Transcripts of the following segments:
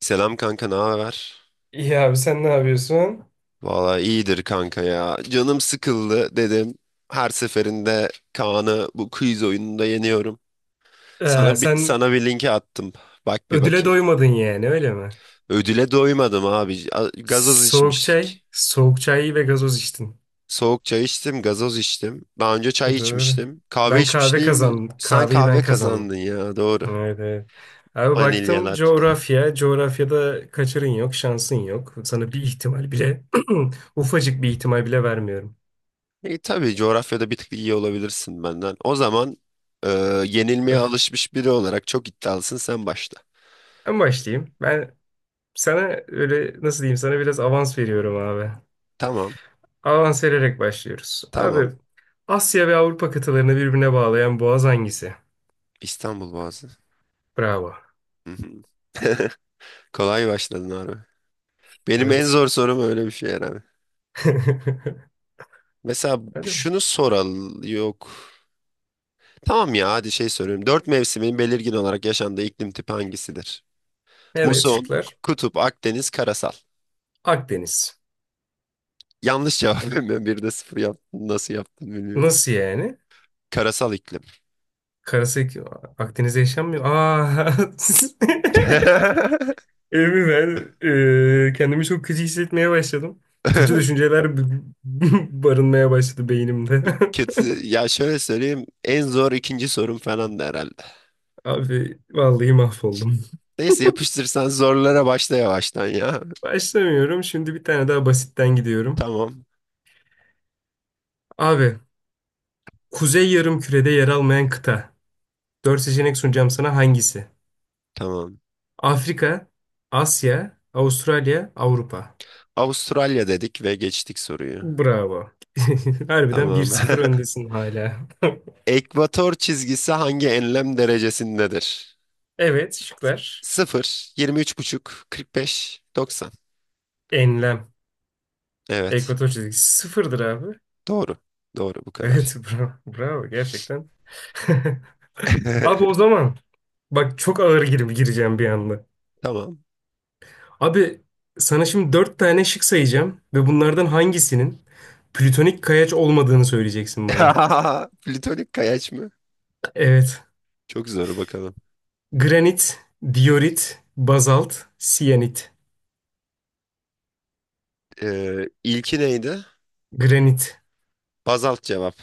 Selam kanka, ne haber? İyi abi sen ne yapıyorsun? Valla iyidir kanka ya. Canım sıkıldı dedim. Her seferinde Kaan'ı bu quiz oyununda yeniyorum. Sana bir, Sen sana bir linki attım. Bak bir ödüle bakayım. doymadın yani öyle mi? Ödüle doymadım abi. Gazoz Soğuk çay, içmiştik. soğuk çay ve gazoz içtin. Soğuk çay içtim, gazoz içtim. Daha önce çay Dur. içmiştim. Kahve Ben kahve içmişliğim mi? kazandım. Sen Kahveyi ben kahve kazandım. kazandın ya, doğru. Evet, evet. Abi Vanilya baktım latte. coğrafya. Coğrafyada kaçarın yok, şansın yok. Sana bir ihtimal bile, ufacık bir ihtimal bile vermiyorum. E, tabii coğrafyada bir tık iyi olabilirsin benden. O zaman e, yenilmeye Öf. alışmış biri olarak çok iddialısın, sen başla. Ben başlayayım. Ben sana öyle nasıl diyeyim, sana biraz avans veriyorum abi. Tamam, Avans vererek başlıyoruz. Abi, tamam. Asya ve Avrupa kıtalarını birbirine bağlayan boğaz hangisi? İstanbul Boğazı. Bravo. Hı hı. Kolay başladın abi. Benim en Evet. zor sorum öyle bir şey herhalde. Mesela Hadi bak. şunu soral yok. Tamam ya, hadi şey soruyorum. Dört mevsimin belirgin olarak yaşandığı iklim tipi hangisidir? Evet, Muson, şıklar. kutup, Akdeniz, karasal. Akdeniz. Yanlış cevap. Ben bir de sıfır yaptım. Nasıl yaptım bilmiyorum. Nasıl yani? Karasal iklim. Karası Akdeniz'de yaşanmıyor. Aa. Emin ben kendimi çok kötü hissetmeye başladım. Kötü düşünceler b- barınmaya başladı beynimde. Kötü. Ya şöyle söyleyeyim, en zor ikinci sorum falan da herhalde. Abi vallahi mahvoldum. Neyse, yapıştırsan zorlara başla yavaştan ya. Başlamıyorum. Şimdi bir tane daha basitten gidiyorum. Tamam, Abi, Kuzey Yarımküre'de yer almayan kıta. Dört seçenek sunacağım sana, hangisi? tamam. Afrika, Asya, Avustralya, Avrupa. Avustralya dedik ve geçtik soruyu. Bravo. Harbiden bir Tamam. sıfır öndesin hala. Ekvator çizgisi hangi enlem derecesindedir? Evet, şıklar. 0, 23,5, 45, 90. Enlem. Evet. Ekvator çizgisi sıfırdır abi. Doğru. Doğru, bu kadar. Evet, bravo. Bravo gerçekten. Abi o zaman bak, çok ağır girip gireceğim bir anda. Tamam. Abi, sana şimdi dört tane şık sayacağım ve bunlardan hangisinin plütonik kayaç olmadığını söyleyeceksin bana. Plütonik kayaç mı? Evet. Çok zor, bakalım. Granit, diorit, bazalt, siyanit. İlki neydi? Granit. Bazalt cevap.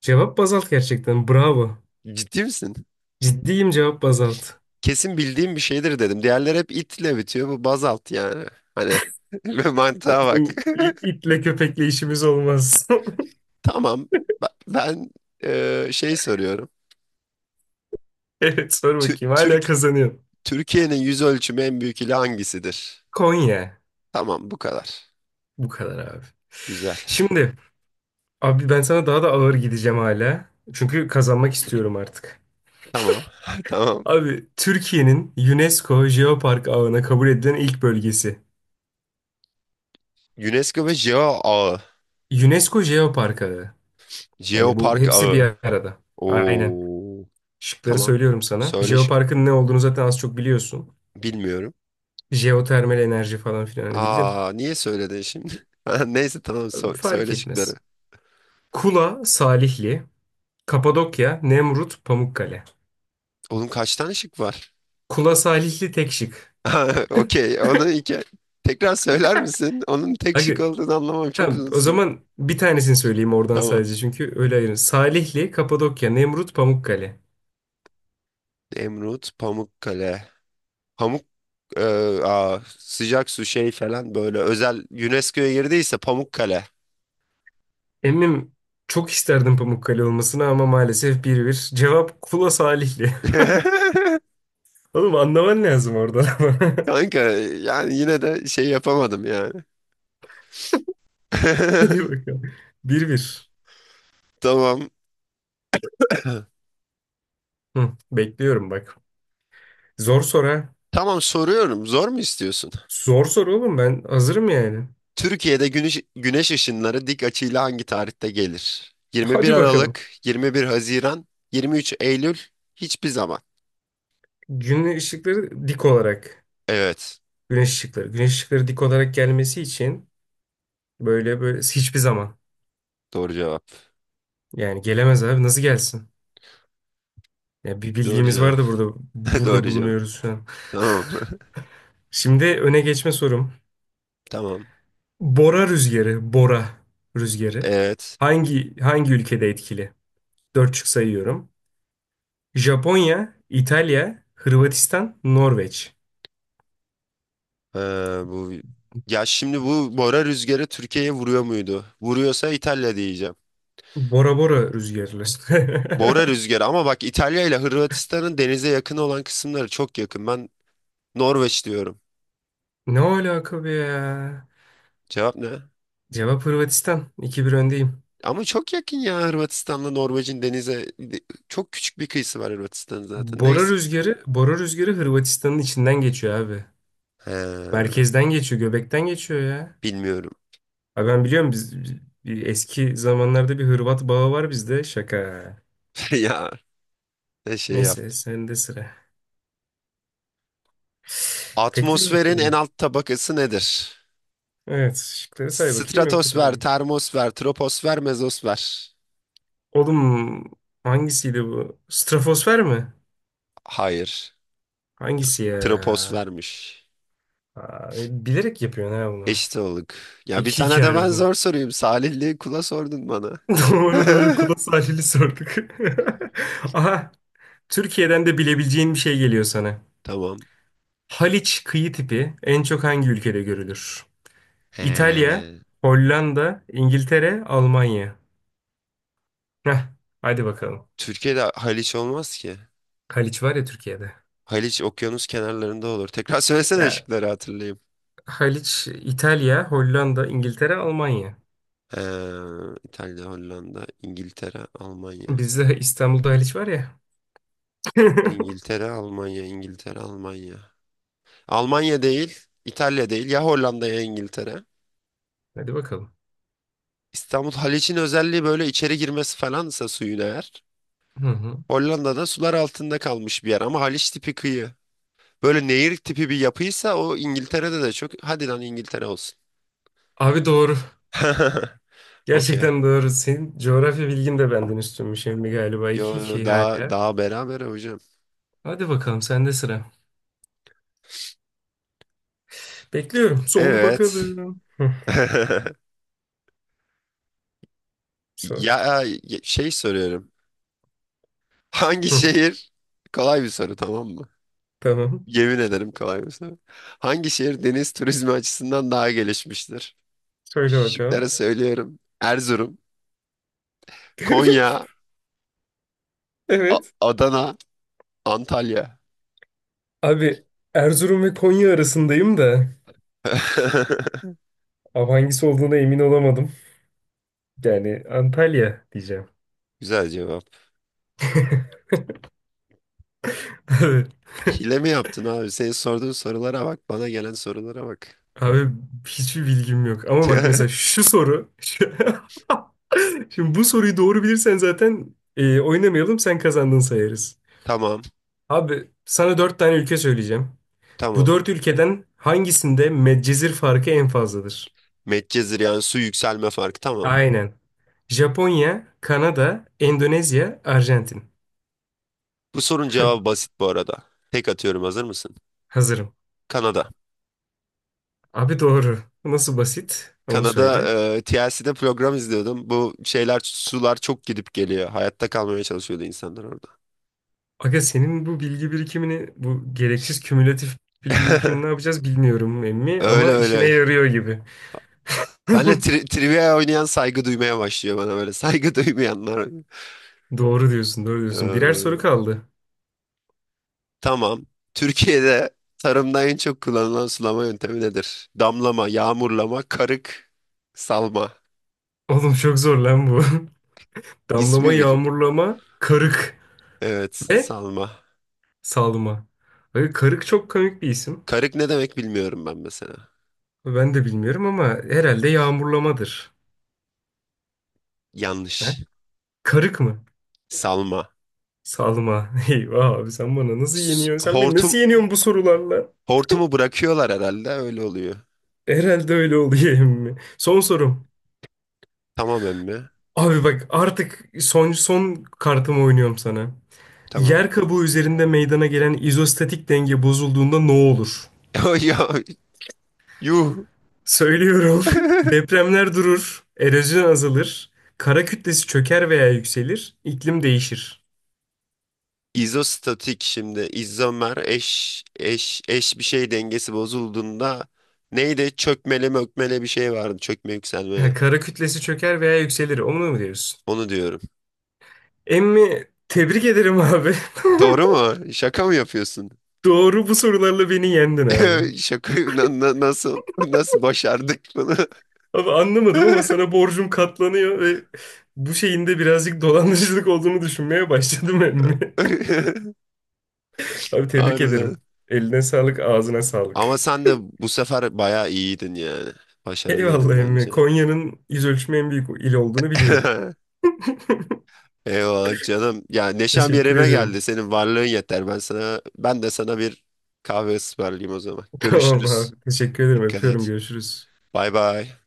Cevap bazalt gerçekten. Bravo. Ciddi misin? Ciddiyim, cevap bazalt. Kesin bildiğim bir şeydir dedim. Diğerleri hep itle bitiyor. Bu bazalt yani. Hani mantığa bak. Bizim itle köpekle işimiz olmaz. Tamam. Ben şey soruyorum. Evet, sor Tü- bakayım. Hala Türk kazanıyorum. Türkiye'nin yüz ölçümü en büyük ili hangisidir? Konya. Tamam, bu kadar. Bu kadar abi. Güzel. Şimdi abi, ben sana daha da ağır gideceğim hala. Çünkü kazanmak istiyorum artık. Tamam. Tamam. Abi, Türkiye'nin UNESCO Jeopark ağına kabul edilen ilk bölgesi. UNESCO ve Geo Ağı. UNESCO Jeopark ağı. Yani bu Jeopark hepsi bir Ağı. arada. Aynen. Oo. Şıkları Tamam. söylüyorum sana. Söyle şık. Jeopark'ın ne olduğunu zaten az çok biliyorsun. Bilmiyorum. Jeotermal enerji falan filan, hani bildin. Aa, niye söyledin şimdi? Ha, neyse, tamam, Fark söyle etmez. şıkları. Kula, Salihli, Kapadokya, Nemrut, Pamukkale. Oğlum, kaç tane şık var? Kula, Salihli tek şık. Ha, okey. Onu iki. Tekrar söyler misin? Onun tek Aga, şık olduğunu anlamam çok tamam, uzun o sürdü. zaman bir tanesini söyleyeyim oradan Tamam. sadece, çünkü öyle ayırın. Salihli, Kapadokya, Nemrut, Pamukkale. Nemrut, Pamukkale. Pamuk e, sıcak su şey falan, böyle özel UNESCO'ya girdiyse Pamukkale. Emmim, çok isterdim Pamukkale olmasını ama maalesef bir bir. Cevap Kula, Salihli. Oğlum, anlaman lazım oradan ama. Kanka, yani yine de şey yapamadım yani. Hadi bakalım. Bir bir. Tamam. Hı, bekliyorum bak. Zor soru ha. Tamam, soruyorum. Zor mu istiyorsun? Zor soru oğlum, ben hazırım yani. Türkiye'de güneş ışınları dik açıyla hangi tarihte gelir? 21 Hadi bakalım. Aralık, 21 Haziran, 23 Eylül, hiçbir zaman. Güneş ışıkları dik olarak. Evet. Güneş ışıkları. Güneş ışıkları dik olarak gelmesi için, böyle böyle hiçbir zaman. Doğru cevap. Yani gelemez abi, nasıl gelsin? Ya bir Doğru bildiğimiz cevap. var da burada burada Doğru cevap. bulunuyoruz şu an. Tamam. Şimdi öne geçme sorum. Tamam. Bora rüzgarı, Bora rüzgarı Evet. hangi ülkede etkili? Dört şık sayıyorum. Japonya, İtalya, Hırvatistan, Norveç. Ee, Bu, ya şimdi bu Bora rüzgarı Türkiye'ye vuruyor muydu? Vuruyorsa İtalya diyeceğim. Bora Bora rüzgarı. Bora rüzgarı, ama bak, İtalya ile Hırvatistan'ın denize yakın olan kısımları çok yakın. Ben Norveç diyorum. Ne alaka be ya? Cevap ne? Cevap Hırvatistan. 2 bir öndeyim. Ama çok yakın ya, Hırvatistan'la Norveç'in denize, çok küçük bir kıyısı var Hırvatistan'ın zaten. Bora Neyse. rüzgarı, Bora rüzgarı Hırvatistan'ın içinden geçiyor abi. He, Merkezden geçiyor, göbekten geçiyor ya. bilmiyorum. Abi ben biliyorum, bir eski zamanlarda bir Hırvat bağı var bizde. Şaka. Ya ne şey Neyse, yaptı. sende sıra. Bekliyorum Atmosferin en sorunu. alt tabakası nedir? Evet, şıkları say bakayım, yok Stratosfer, hatırlamıyorum. termosfer, troposfer, mezosfer. Oğlum, hangisiydi bu? Stratosfer mi? Hayır. Hangisi ya? Tropos vermiş. Aa, bilerek yapıyorsun ha bunu. Eşit olduk. Ya bir iki tane 2 de ben harbiden. zor sorayım. Salihli kula sordun bana. Doğru doğru, kula sahili sorduk. Aha, Türkiye'den de bilebileceğin bir şey geliyor sana. Tamam. Haliç kıyı tipi en çok hangi ülkede görülür? İtalya, Ee, Hollanda, İngiltere, Almanya. Heh, hadi bakalım. Türkiye'de Haliç olmaz ki. Haliç var ya Türkiye'de. Haliç okyanus kenarlarında olur. Tekrar söylesene Ya, şıkları, hatırlayayım. Haliç. İtalya, Hollanda, İngiltere, Almanya. Ee, İtalya, Hollanda, İngiltere, Almanya. Bizde İstanbul'da Haliç var ya. İngiltere, Almanya, İngiltere, Almanya. Almanya değil, İtalya değil. Ya Hollanda ya İngiltere. Hadi bakalım. İstanbul Haliç'in özelliği böyle içeri girmesi falansa suyun, eğer. Hı hı. Hollanda'da sular altında kalmış bir yer, ama Haliç tipi kıyı. Böyle nehir tipi bir yapıysa o, İngiltere'de de çok. Hadi lan, İngiltere olsun. Abi doğru. Okey. Gerçekten doğru. Senin coğrafya bilgin de benden üstünmüş emmi galiba. iki Yo, 2 daha hala. daha beraber hocam. Hadi bakalım, sende sıra. Bekliyorum. Sor Evet. bakalım. Hı. Sor. Ya şey soruyorum. Hangi Hı. şehir? Kolay bir soru, tamam mı? Tamam. Yemin ederim, kolay bir soru. Hangi şehir deniz turizmi açısından daha gelişmiştir? Söyle Şıkları bakalım. söylüyorum. Erzurum, Konya, Evet. Adana, Antalya. Abi, Erzurum ve Konya arasındayım da. Abi, hangisi olduğuna emin olamadım. Yani Antalya diyeceğim. Güzel cevap. Evet. Hile mi yaptın abi? Senin sorduğun sorulara bak. Bana gelen sorulara bak. Abi hiçbir bilgim yok. Ama bak mesela şu soru. Şimdi bu soruyu doğru bilirsen zaten, oynamayalım, sen kazandın sayarız. Tamam. Abi, sana dört tane ülke söyleyeceğim. Bu Tamam. dört ülkeden hangisinde medcezir farkı en fazladır? Medcezir, yani su yükselme farkı. Tamam. Aynen. Japonya, Kanada, Endonezya, Arjantin. Bu sorunun cevabı basit bu arada. Tek atıyorum, hazır mısın? Hazırım. Kanada. Abi doğru. Bu nasıl basit? Onu Kanada söyle. TLC'de program izliyordum. Bu şeyler, sular çok gidip geliyor. Hayatta kalmaya çalışıyordu insanlar orada. Aga, senin bu bilgi birikimini, bu gereksiz kümülatif bilgi birikimini ne yapacağız bilmiyorum emmi, Öyle ama işine öyle. yarıyor gibi. Benle tri trivia oynayan saygı duymaya başlıyor bana böyle. Saygı duymayanlar. Doğru diyorsun, doğru diyorsun. Birer soru Ee, kaldı. Tamam. Türkiye'de tarımda en çok kullanılan sulama yöntemi nedir? Damlama, yağmurlama, karık, salma. Oğlum çok zor lan bu. Damlama, İsmi gıcık. yağmurlama, karık Evet, ve salma. salma. Böyle karık çok komik bir isim. Karık ne demek bilmiyorum ben mesela. Ben de bilmiyorum ama herhalde yağmurlamadır. He? Yanlış. Karık mı? Salma. Salma. Eyvah abi, sen bana nasıl yeniyorsun? Sen beni Hortum, nasıl yeniyorsun bu sorularla? hortumu bırakıyorlar herhalde, öyle oluyor. Herhalde öyle oluyor. Emmi, son sorum. Tamam emmi. Abi bak, artık son son kartımı oynuyorum sana. Tamam. Yer kabuğu üzerinde meydana gelen izostatik denge bozulduğunda ne olur? Ya, yuh. Söylüyorum. Depremler durur, erozyon azalır, kara kütlesi çöker veya yükselir, iklim değişir. İzostatik, şimdi izomer eş bir şey dengesi bozulduğunda neydi? Çökmeli mökmeli bir şey vardı. Çökme yükselmeli. Ha, kara kütlesi çöker veya yükselir. Onu mu diyorsun? Onu diyorum. Emmi, tebrik ederim abi. Doğru mu? Şaka mı yapıyorsun? Doğru, bu sorularla beni yendin abi. Şaka, nasıl başardık bunu? Abi anlamadım ama sana borcum katlanıyor ve bu şeyin de birazcık dolandırıcılık olduğunu düşünmeye başladım emmi. Abi tebrik Harbiden. ederim. Eline sağlık, ağzına Ama sağlık. sen de bu sefer bayağı iyiydin yani. Başarılıydın Eyvallah emmi. bence. Konya'nın yüz ölçümü en büyük il olduğunu biliyorum. Eyvallah canım. Ya neşem Teşekkür yerine geldi. ederim. Senin varlığın yeter. Ben de sana bir kahve ısmarlayayım o zaman. Tamam Görüşürüz. abi. Teşekkür ederim. Dikkat Öpüyorum. et. Görüşürüz. Bay bay.